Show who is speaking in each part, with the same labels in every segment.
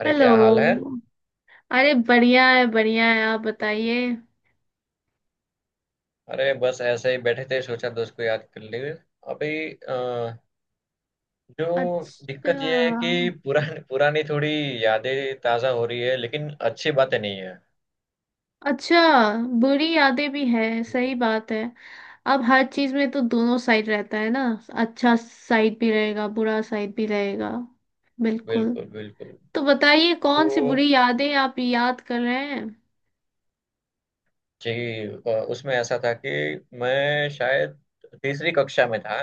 Speaker 1: अरे क्या हाल है।
Speaker 2: हेलो। अरे बढ़िया है बढ़िया है, आप बताइए।
Speaker 1: अरे बस ऐसे ही बैठे थे, सोचा दोस्त को याद कर लिए। अभी अ, जो
Speaker 2: अच्छा।
Speaker 1: दिक्कत ये है कि पुरानी पुरानी थोड़ी यादें ताज़ा हो रही है, लेकिन अच्छी बातें नहीं है।
Speaker 2: अच्छा, बुरी यादें भी है,
Speaker 1: हम्म।
Speaker 2: सही बात है। अब हर चीज में तो दोनों साइड रहता है ना। अच्छा साइड भी रहेगा, बुरा साइड भी रहेगा। बिल्कुल।
Speaker 1: बिल्कुल, बिल्कुल।
Speaker 2: तो बताइए,
Speaker 1: तो
Speaker 2: कौन सी बुरी यादें आप याद कर रहे हैं।
Speaker 1: जी, उसमें ऐसा था कि मैं शायद तीसरी कक्षा में था,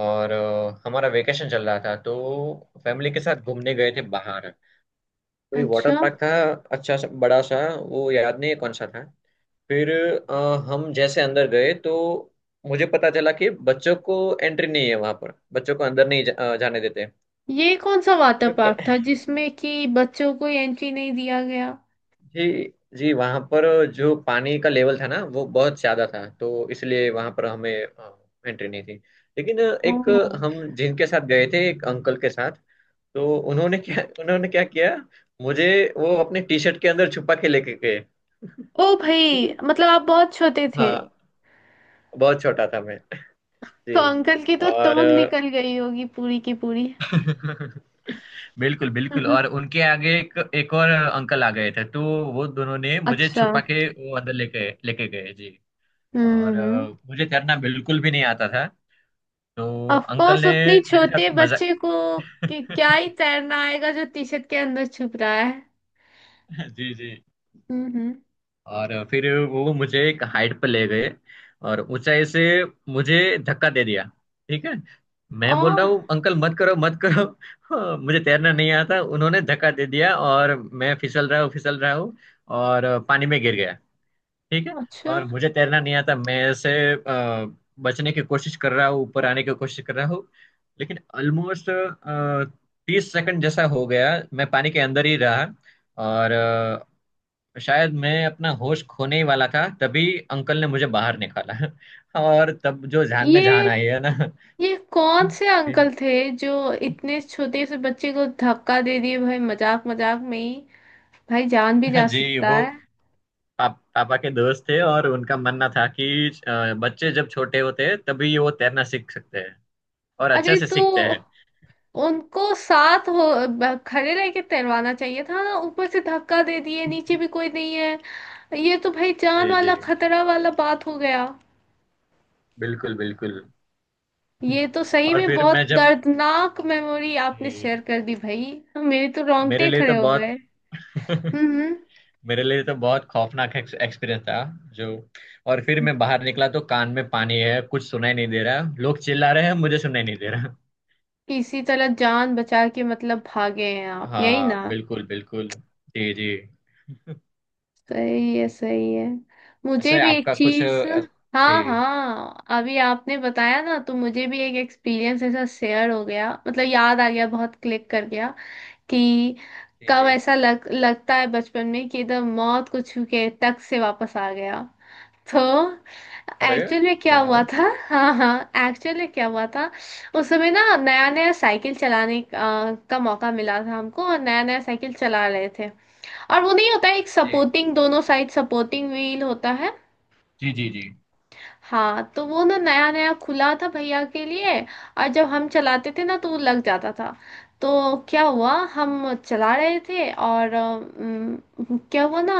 Speaker 1: और हमारा वेकेशन चल रहा था, तो फैमिली के साथ घूमने गए थे बाहर। कोई वाटर
Speaker 2: अच्छा।
Speaker 1: पार्क था, अच्छा सा बड़ा सा। वो याद नहीं है कौन सा था। फिर अ, हम जैसे अंदर गए तो मुझे पता चला कि बच्चों को एंट्री नहीं है, वहां पर बच्चों को अंदर नहीं जाने देते।
Speaker 2: ये कौन सा वाटर
Speaker 1: फिर प-
Speaker 2: पार्क था जिसमें कि बच्चों को एंट्री नहीं दिया गया।
Speaker 1: जी। जी वहां पर जो पानी का लेवल था ना, वो बहुत ज्यादा था, तो इसलिए वहां पर हमें एंट्री नहीं थी। लेकिन एक
Speaker 2: ओह।
Speaker 1: हम जिनके साथ गए थे एक अंकल के साथ, तो उन्होंने क्या किया, मुझे वो अपने टी शर्ट के अंदर छुपा के लेके गए।
Speaker 2: ओ
Speaker 1: ठीक है।
Speaker 2: भाई, मतलब आप बहुत छोटे थे।
Speaker 1: हाँ, बहुत छोटा था मैं। जी।
Speaker 2: तो अंकल की तो
Speaker 1: और
Speaker 2: टोन निकल गई होगी पूरी की पूरी।
Speaker 1: बिल्कुल, बिल्कुल।
Speaker 2: हम्म।
Speaker 1: और उनके आगे एक एक और अंकल आ गए थे, तो वो दोनों ने मुझे
Speaker 2: अच्छा।
Speaker 1: छुपा के वो अंदर लेके लेके गए जी। और
Speaker 2: हम्म।
Speaker 1: मुझे तैरना बिल्कुल भी नहीं आता था, तो
Speaker 2: ऑफ
Speaker 1: अंकल
Speaker 2: कोर्स,
Speaker 1: ने
Speaker 2: उतनी
Speaker 1: मेरे
Speaker 2: छोटे
Speaker 1: साथ मजाक
Speaker 2: बच्चे को, कि क्या ही तैरना आएगा जो टी शर्ट के अंदर छुप रहा है।
Speaker 1: जी, जी।
Speaker 2: हम्म।
Speaker 1: और फिर वो मुझे एक हाइट पर ले गए, और ऊंचाई से मुझे धक्का दे दिया। ठीक है।
Speaker 2: ओ।
Speaker 1: मैं बोल रहा हूँ, अंकल मत करो, मत करो। हाँ, मुझे तैरना नहीं आता, उन्होंने धक्का दे दिया, और मैं फिसल रहा हूँ, फिसल रहा हूँ, और पानी में गिर गया। ठीक है।
Speaker 2: अच्छा।
Speaker 1: और मुझे तैरना नहीं आता, मैं ऐसे बचने की कोशिश कर रहा हूँ, ऊपर आने की कोशिश कर रहा हूँ। लेकिन ऑलमोस्ट तीस सेकंड जैसा हो गया, मैं पानी के अंदर ही रहा। और शायद मैं अपना होश खोने ही वाला था, तभी अंकल ने मुझे बाहर निकाला। और तब जो जान
Speaker 2: ये
Speaker 1: में जान आई है ना।
Speaker 2: ये कौन से
Speaker 1: जी,
Speaker 2: अंकल थे, जो इतने छोटे से बच्चे को धक्का दे दिए भाई, मजाक मजाक में ही। भाई जान भी जा
Speaker 1: जी।
Speaker 2: सकता
Speaker 1: वो
Speaker 2: है।
Speaker 1: पापा के दोस्त थे, और उनका मानना था कि बच्चे जब छोटे होते हैं तभी वो तैरना सीख सकते हैं, और अच्छे
Speaker 2: अरे
Speaker 1: से
Speaker 2: तो
Speaker 1: सीखते हैं।
Speaker 2: उनको साथ हो, खड़े रह के तैरवाना चाहिए था ना, ऊपर से धक्का दे दिए, नीचे भी कोई नहीं है। ये तो भाई जान
Speaker 1: जी, जी।
Speaker 2: वाला खतरा वाला बात हो गया।
Speaker 1: बिल्कुल, बिल्कुल।
Speaker 2: ये तो सही
Speaker 1: और
Speaker 2: में
Speaker 1: फिर
Speaker 2: बहुत
Speaker 1: मैं जब
Speaker 2: दर्दनाक मेमोरी आपने शेयर
Speaker 1: जी,
Speaker 2: कर दी भाई। मेरे तो
Speaker 1: मेरे
Speaker 2: रोंगटे
Speaker 1: लिए
Speaker 2: खड़े
Speaker 1: तो
Speaker 2: हो गए।
Speaker 1: बहुत
Speaker 2: हम्म।
Speaker 1: मेरे लिए तो बहुत खौफनाक एक्सपीरियंस था जो। और फिर मैं बाहर निकला तो कान में पानी है, कुछ सुनाई नहीं दे रहा, लोग चिल्ला रहे हैं, मुझे सुनाई नहीं दे रहा।
Speaker 2: किसी तरह जान बचा के मतलब भागे हैं आप, यही
Speaker 1: हाँ,
Speaker 2: ना।
Speaker 1: बिल्कुल, बिल्कुल। जी, जी।
Speaker 2: सही है सही है। मुझे
Speaker 1: ऐसे
Speaker 2: भी एक
Speaker 1: आपका कुछ
Speaker 2: चीज। हाँ
Speaker 1: जी,
Speaker 2: हाँ, अभी आपने बताया ना तो मुझे भी एक एक्सपीरियंस ऐसा शेयर हो गया, मतलब याद आ गया, बहुत क्लिक कर गया। कि
Speaker 1: जी,
Speaker 2: कब
Speaker 1: जी।
Speaker 2: ऐसा लग लगता है बचपन में, कि एकदम मौत को छू के टक से वापस आ गया। तो
Speaker 1: अरे
Speaker 2: एक्चुअल में क्या हुआ
Speaker 1: हाँ।
Speaker 2: था हाँ हाँ, एक्चुअल में क्या हुआ था। उस समय ना, नया नया साइकिल चलाने का मौका मिला था हमको, और नया नया साइकिल चला रहे थे। और वो नहीं होता है एक
Speaker 1: जी,
Speaker 2: सपोर्टिंग, दोनों साइड सपोर्टिंग व्हील होता है।
Speaker 1: जी, जी, जी,
Speaker 2: हाँ, तो वो ना नया नया खुला था भैया के लिए। और जब हम चलाते थे ना तो वो लग जाता था। तो क्या हुआ, हम चला रहे थे और क्या हुआ ना,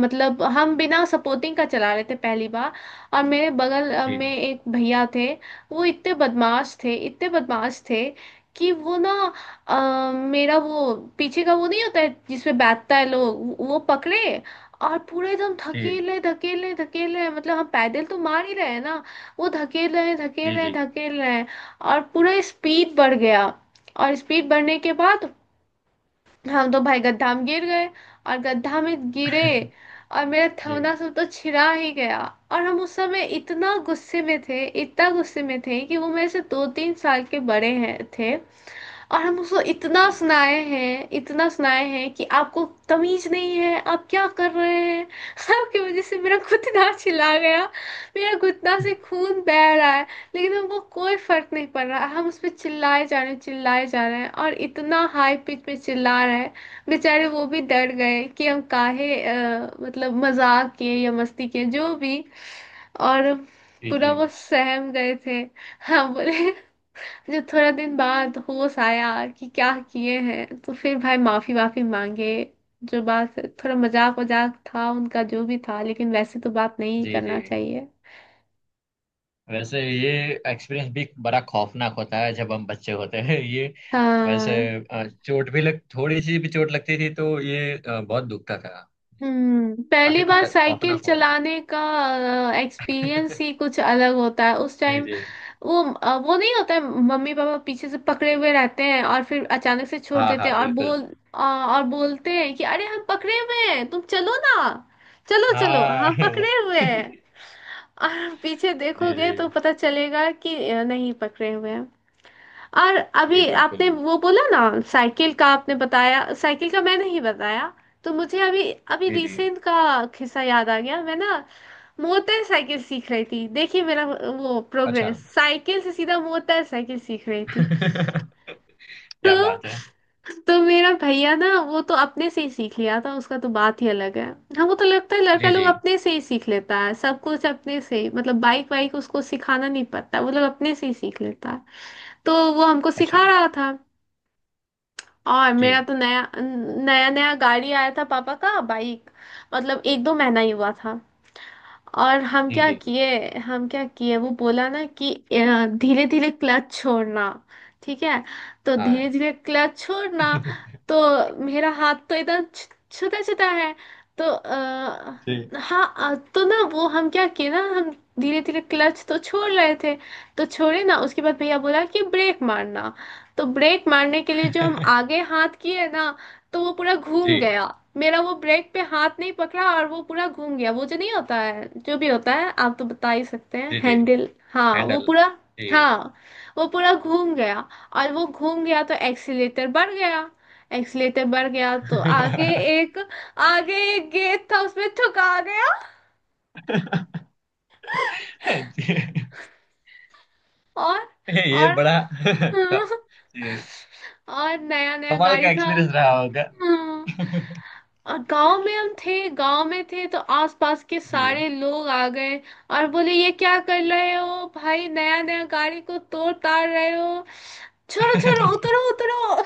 Speaker 2: मतलब हम बिना सपोर्टिंग का चला रहे थे पहली बार। और मेरे बगल
Speaker 1: जी,
Speaker 2: में एक भैया थे। वो इतने बदमाश थे इतने बदमाश थे, कि वो ना मेरा वो पीछे का वो नहीं होता है जिसपे बैठता है लोग, वो पकड़े। और पूरा एकदम
Speaker 1: जी,
Speaker 2: धकेल रहे धकेल रहे धकेल रहे हैं। मतलब हम पैदल तो मार ही रहे हैं ना। वो धकेल रहे हैं धकेल
Speaker 1: जी,
Speaker 2: रहे हैं
Speaker 1: जी।
Speaker 2: धकेल रहे हैं। और पूरा स्पीड बढ़ गया। और स्पीड बढ़ने के बाद हम तो भाई गड्ढा में गिर गए। और गड्ढा में गिरे, और मेरा
Speaker 1: जी,
Speaker 2: थोड़ा सा तो छिरा ही गया। और हम उस समय इतना गुस्से में थे इतना गुस्से में थे, कि वो मेरे से 2-3 साल के बड़े हैं थे। और हम उसको इतना
Speaker 1: जी,
Speaker 2: सुनाए हैं इतना सुनाए हैं, कि आपको तमीज नहीं है, आप क्या कर रहे हैं आपकी वजह से मेरा घुटना छिला गया, मेरा घुटना से खून बह रहा है। लेकिन हमको कोई फर्क नहीं पड़ रहा, हम उस पर चिल्लाए जा रहे हैं चिल्लाए जा रहे हैं, और इतना हाई पिच में चिल्ला रहे हैं। बेचारे वो भी डर गए, कि हम काहे मतलब मजाक किए या मस्ती किए जो भी। और
Speaker 1: जी, जी,
Speaker 2: पूरा वो सहम गए थे। हाँ बोले। फिर थोड़ा दिन बाद होश आया कि क्या किए हैं, तो फिर भाई माफी वाफी मांगे। जो बात, थोड़ा मजाक वजाक था उनका जो भी था, लेकिन वैसे तो बात नहीं
Speaker 1: जी, जी।
Speaker 2: करना चाहिए।
Speaker 1: वैसे ये एक्सपीरियंस भी बड़ा खौफनाक होता है जब हम बच्चे होते हैं, ये। वैसे
Speaker 2: हाँ।
Speaker 1: चोट भी लग, थोड़ी सी भी चोट लगती थी तो ये बहुत दुखता था।
Speaker 2: हम्म। पहली
Speaker 1: काफी
Speaker 2: बार
Speaker 1: खतर
Speaker 2: साइकिल
Speaker 1: खौफनाक हुआ।
Speaker 2: चलाने का एक्सपीरियंस ही कुछ अलग होता है उस
Speaker 1: जी,
Speaker 2: टाइम।
Speaker 1: जी।
Speaker 2: वो नहीं होता है, मम्मी पापा पीछे से पकड़े हुए रहते हैं और फिर अचानक से छोड़
Speaker 1: हाँ,
Speaker 2: देते
Speaker 1: हाँ,
Speaker 2: हैं और
Speaker 1: बिल्कुल।
Speaker 2: बोल और बोलते हैं कि अरे हम पकड़े हुए हैं, तुम चलो ना, चलो चलो
Speaker 1: हाँ।
Speaker 2: हम
Speaker 1: वो-
Speaker 2: पकड़े हुए हैं। और पीछे
Speaker 1: जी,
Speaker 2: देखोगे
Speaker 1: जी।
Speaker 2: तो पता चलेगा कि नहीं पकड़े हुए हैं। और
Speaker 1: जी
Speaker 2: अभी आपने
Speaker 1: बिल्कुल।
Speaker 2: वो बोला ना साइकिल का, आपने बताया साइकिल का, मैं नहीं बताया। तो मुझे अभी अभी
Speaker 1: जी, जी।
Speaker 2: रिसेंट का किस्सा याद आ गया। मैं ना मोटर साइकिल सीख रही थी, देखिए मेरा वो
Speaker 1: अच्छा।
Speaker 2: प्रोग्रेस, साइकिल से सीधा मोटर साइकिल सीख रही थी।
Speaker 1: क्या बात है।
Speaker 2: तो तो मेरा भैया ना वो तो अपने से ही सीख लिया था, उसका तो बात ही अलग है। हाँ वो तो लगता है लड़का
Speaker 1: जी,
Speaker 2: लोग
Speaker 1: जी।
Speaker 2: अपने से ही सीख लेता है सब कुछ, अपने से ही मतलब बाइक वाइक उसको सिखाना नहीं पड़ता, वो लोग अपने से ही सीख लेता है। तो वो हमको
Speaker 1: अच्छा।
Speaker 2: सिखा रहा था। और मेरा
Speaker 1: जी,
Speaker 2: तो नया नया नया गाड़ी आया था, पापा का बाइक। मतलब 1-2 महीना ही हुआ था। और हम
Speaker 1: जी,
Speaker 2: क्या
Speaker 1: जी।
Speaker 2: किए, हम क्या किए, वो बोला ना कि धीरे धीरे क्लच छोड़ना। ठीक है। तो
Speaker 1: हाँ।
Speaker 2: धीरे धीरे क्लच छोड़ना। तो मेरा हाथ तो इधर छुटा छुटा है। तो
Speaker 1: जी।
Speaker 2: हाँ तो ना वो हम क्या किए ना, हम धीरे धीरे क्लच तो छोड़ रहे थे। तो छोड़े ना, उसके बाद भैया बोला कि ब्रेक मारना। तो ब्रेक मारने के लिए जो हम आगे हाथ किए ना, तो वो पूरा
Speaker 1: जी,
Speaker 2: घूम गया। मेरा वो ब्रेक पे हाथ नहीं पकड़ा और वो पूरा घूम गया, वो जो नहीं होता है, जो भी होता है आप तो बता ही सकते हैं,
Speaker 1: जी। जी
Speaker 2: हैंडल, हाँ वो
Speaker 1: हैंडल।
Speaker 2: पूरा।
Speaker 1: जी।
Speaker 2: हाँ वो पूरा घूम गया। और वो घूम गया तो एक्सीलेटर बढ़ गया। एक्सीलेटर बढ़ गया तो एक आगे एक गेट था उसमें ठुका गया।
Speaker 1: ये
Speaker 2: और
Speaker 1: ये
Speaker 2: और
Speaker 1: बड़ा क- ये
Speaker 2: और नया नया
Speaker 1: कमाल
Speaker 2: गाड़ी
Speaker 1: का
Speaker 2: था।
Speaker 1: एक्सपीरियंस रहा होगा।
Speaker 2: हाँ। और गांव में हम थे, गांव में थे तो आसपास के
Speaker 1: जी,
Speaker 2: सारे लोग आ गए। और बोले ये क्या कर रहे हो भाई, नया नया गाड़ी को तोड़ ताड़ रहे हो, छोड़ो छोड़ो उतरो उतरो।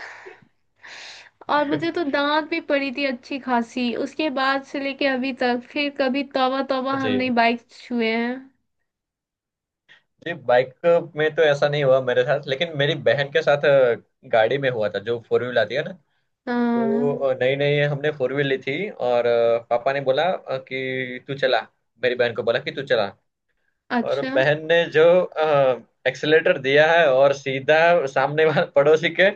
Speaker 2: और मुझे तो दांत भी पड़ी थी अच्छी खासी, उसके बाद से लेके अभी तक फिर कभी तौबा तौबा
Speaker 1: जी।
Speaker 2: हमने बाइक छुए हैं।
Speaker 1: जी बाइक में तो ऐसा नहीं हुआ मेरे साथ, लेकिन मेरी बहन के साथ गाड़ी में हुआ था, जो फोर व्हील आती है ना।
Speaker 2: हाँ।
Speaker 1: तो नई नई हमने फोर व्हील ली थी, और पापा ने बोला कि तू चला, मेरी बहन को बोला कि तू चला। और
Speaker 2: अच्छा।
Speaker 1: बहन ने जो एक्सेलेटर दिया है, और सीधा सामने वाले पड़ोसी के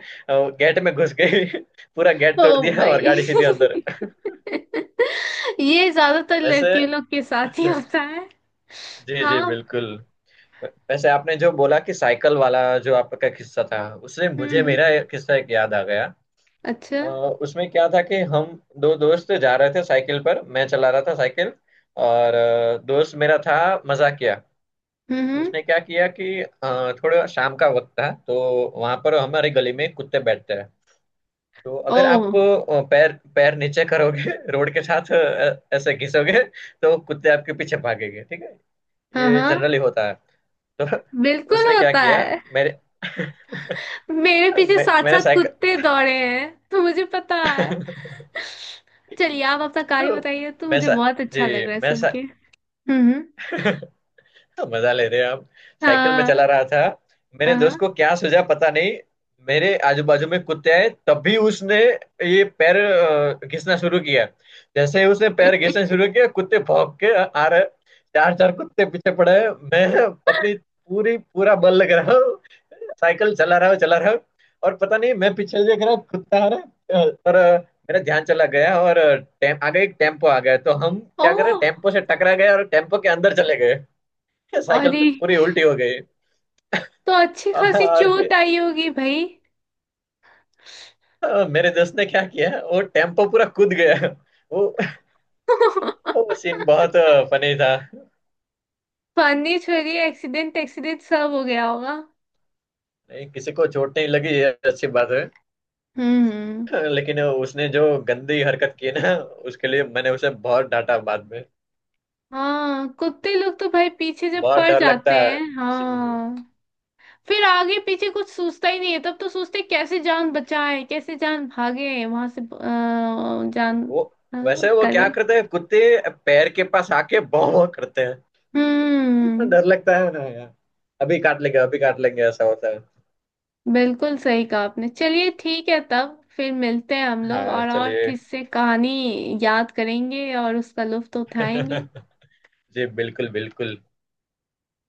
Speaker 1: गेट में घुस गई। पूरा गेट
Speaker 2: ओ
Speaker 1: तोड़ दिया, और
Speaker 2: भाई
Speaker 1: गाड़ी सीधी अंदर।
Speaker 2: ये ज्यादातर
Speaker 1: वैसे
Speaker 2: लड़कियों लोग के साथ ही होता है।
Speaker 1: जी, जी
Speaker 2: हाँ।
Speaker 1: बिल्कुल। वैसे आपने जो बोला कि साइकिल वाला, जो आपका किस्सा था, उससे मुझे
Speaker 2: हम्म।
Speaker 1: मेरा एक किस्सा एक याद आ गया।
Speaker 2: अच्छा।
Speaker 1: अ, उसमें क्या था कि हम दो दोस्त जा रहे थे साइकिल पर, मैं चला रहा था साइकिल। और दोस्त मेरा था मजाकिया।
Speaker 2: हम्म हम्म।
Speaker 1: उसने क्या किया कि थोड़ा शाम का वक्त था, तो वहां पर हमारे गली में कुत्ते बैठते हैं। तो अगर
Speaker 2: ओ।
Speaker 1: आप पैर पैर नीचे करोगे रोड के साथ ऐसे घिसोगे, तो कुत्ते आपके पीछे भागेंगे। ठीक है।
Speaker 2: हाँ
Speaker 1: ये
Speaker 2: हाँ
Speaker 1: जनरली होता है। तो
Speaker 2: बिल्कुल
Speaker 1: उसने क्या
Speaker 2: होता
Speaker 1: किया,
Speaker 2: है।
Speaker 1: मेरे
Speaker 2: मेरे पीछे
Speaker 1: मैं,
Speaker 2: सात
Speaker 1: मैंने
Speaker 2: सात
Speaker 1: साइकिल
Speaker 2: कुत्ते दौड़े हैं, तो मुझे पता है। चलिए आप अपना कार्य बताइए, तो
Speaker 1: मैं
Speaker 2: मुझे
Speaker 1: सा,
Speaker 2: बहुत अच्छा लग
Speaker 1: जी
Speaker 2: रहा है सुन के। हम्म।
Speaker 1: मजा ले रहे हो आप। साइकिल में
Speaker 2: हाँ
Speaker 1: चला रहा था, मेरे
Speaker 2: हाँ।
Speaker 1: दोस्त को क्या सूझा पता नहीं। मेरे आजू बाजू में कुत्ते आए, तभी उसने ये पैर घिसना शुरू किया। जैसे ही उसने पैर घिसना शुरू किया, कुत्ते भौंक के आ रहे, चार चार कुत्ते पीछे पड़े हैं। मैं अपनी पूरी पूरा बल लग रहा हूँ, साइकिल चला रहा हूँ, चला रहा हूँ। और पता नहीं, मैं पीछे देख रहा हूँ, कुत्ता आ रहा है, और मेरा ध्यान चला गया, और टेम आगे एक टेम्पो आ गया, तो हम
Speaker 2: ओ।
Speaker 1: क्या करें, टेम्पो से टकरा गए और टेम्पो के अंदर चले गए, साइकिल
Speaker 2: अरे
Speaker 1: पे पूरी उल्टी हो गई।
Speaker 2: तो अच्छी खासी
Speaker 1: और
Speaker 2: चोट
Speaker 1: फिर
Speaker 2: आई होगी भाई।
Speaker 1: मेरे दोस्त ने क्या किया, वो टेम्पो पूरा कूद गया। वो वो सीन बहुत फनी था।
Speaker 2: पानी छोरी एक्सीडेंट एक्सीडेंट सब हो गया होगा।
Speaker 1: नहीं, किसी को चोट नहीं लगी, ये अच्छी बात है।
Speaker 2: हम्म।
Speaker 1: लेकिन उसने जो गंदी हरकत की ना, उसके लिए मैंने उसे बहुत डांटा बाद में।
Speaker 2: हाँ कुत्ते लोग तो भाई पीछे जब
Speaker 1: बहुत
Speaker 2: पड़
Speaker 1: डर लगता
Speaker 2: जाते
Speaker 1: है।
Speaker 2: हैं
Speaker 1: सी-
Speaker 2: हाँ। फिर आगे पीछे कुछ सोचता ही नहीं है तब तो, सोचते हैं, कैसे जान बचाए कैसे जान भागे वहां से जान
Speaker 1: वो वैसे वो क्या
Speaker 2: करे।
Speaker 1: करते हैं कुत्ते, पैर के पास आके भौं करते हैं। इतना
Speaker 2: हम्म।
Speaker 1: डर लगता है ना यार, अभी काट लेंगे, अभी काट लेंगे ऐसा होता है।
Speaker 2: बिल्कुल सही कहा आपने। चलिए ठीक है, तब फिर मिलते हैं हम लोग
Speaker 1: हाँ,
Speaker 2: और
Speaker 1: चलिए।
Speaker 2: किससे कहानी याद करेंगे और उसका लुत्फ तो उठाएंगे।
Speaker 1: जी बिल्कुल, बिल्कुल।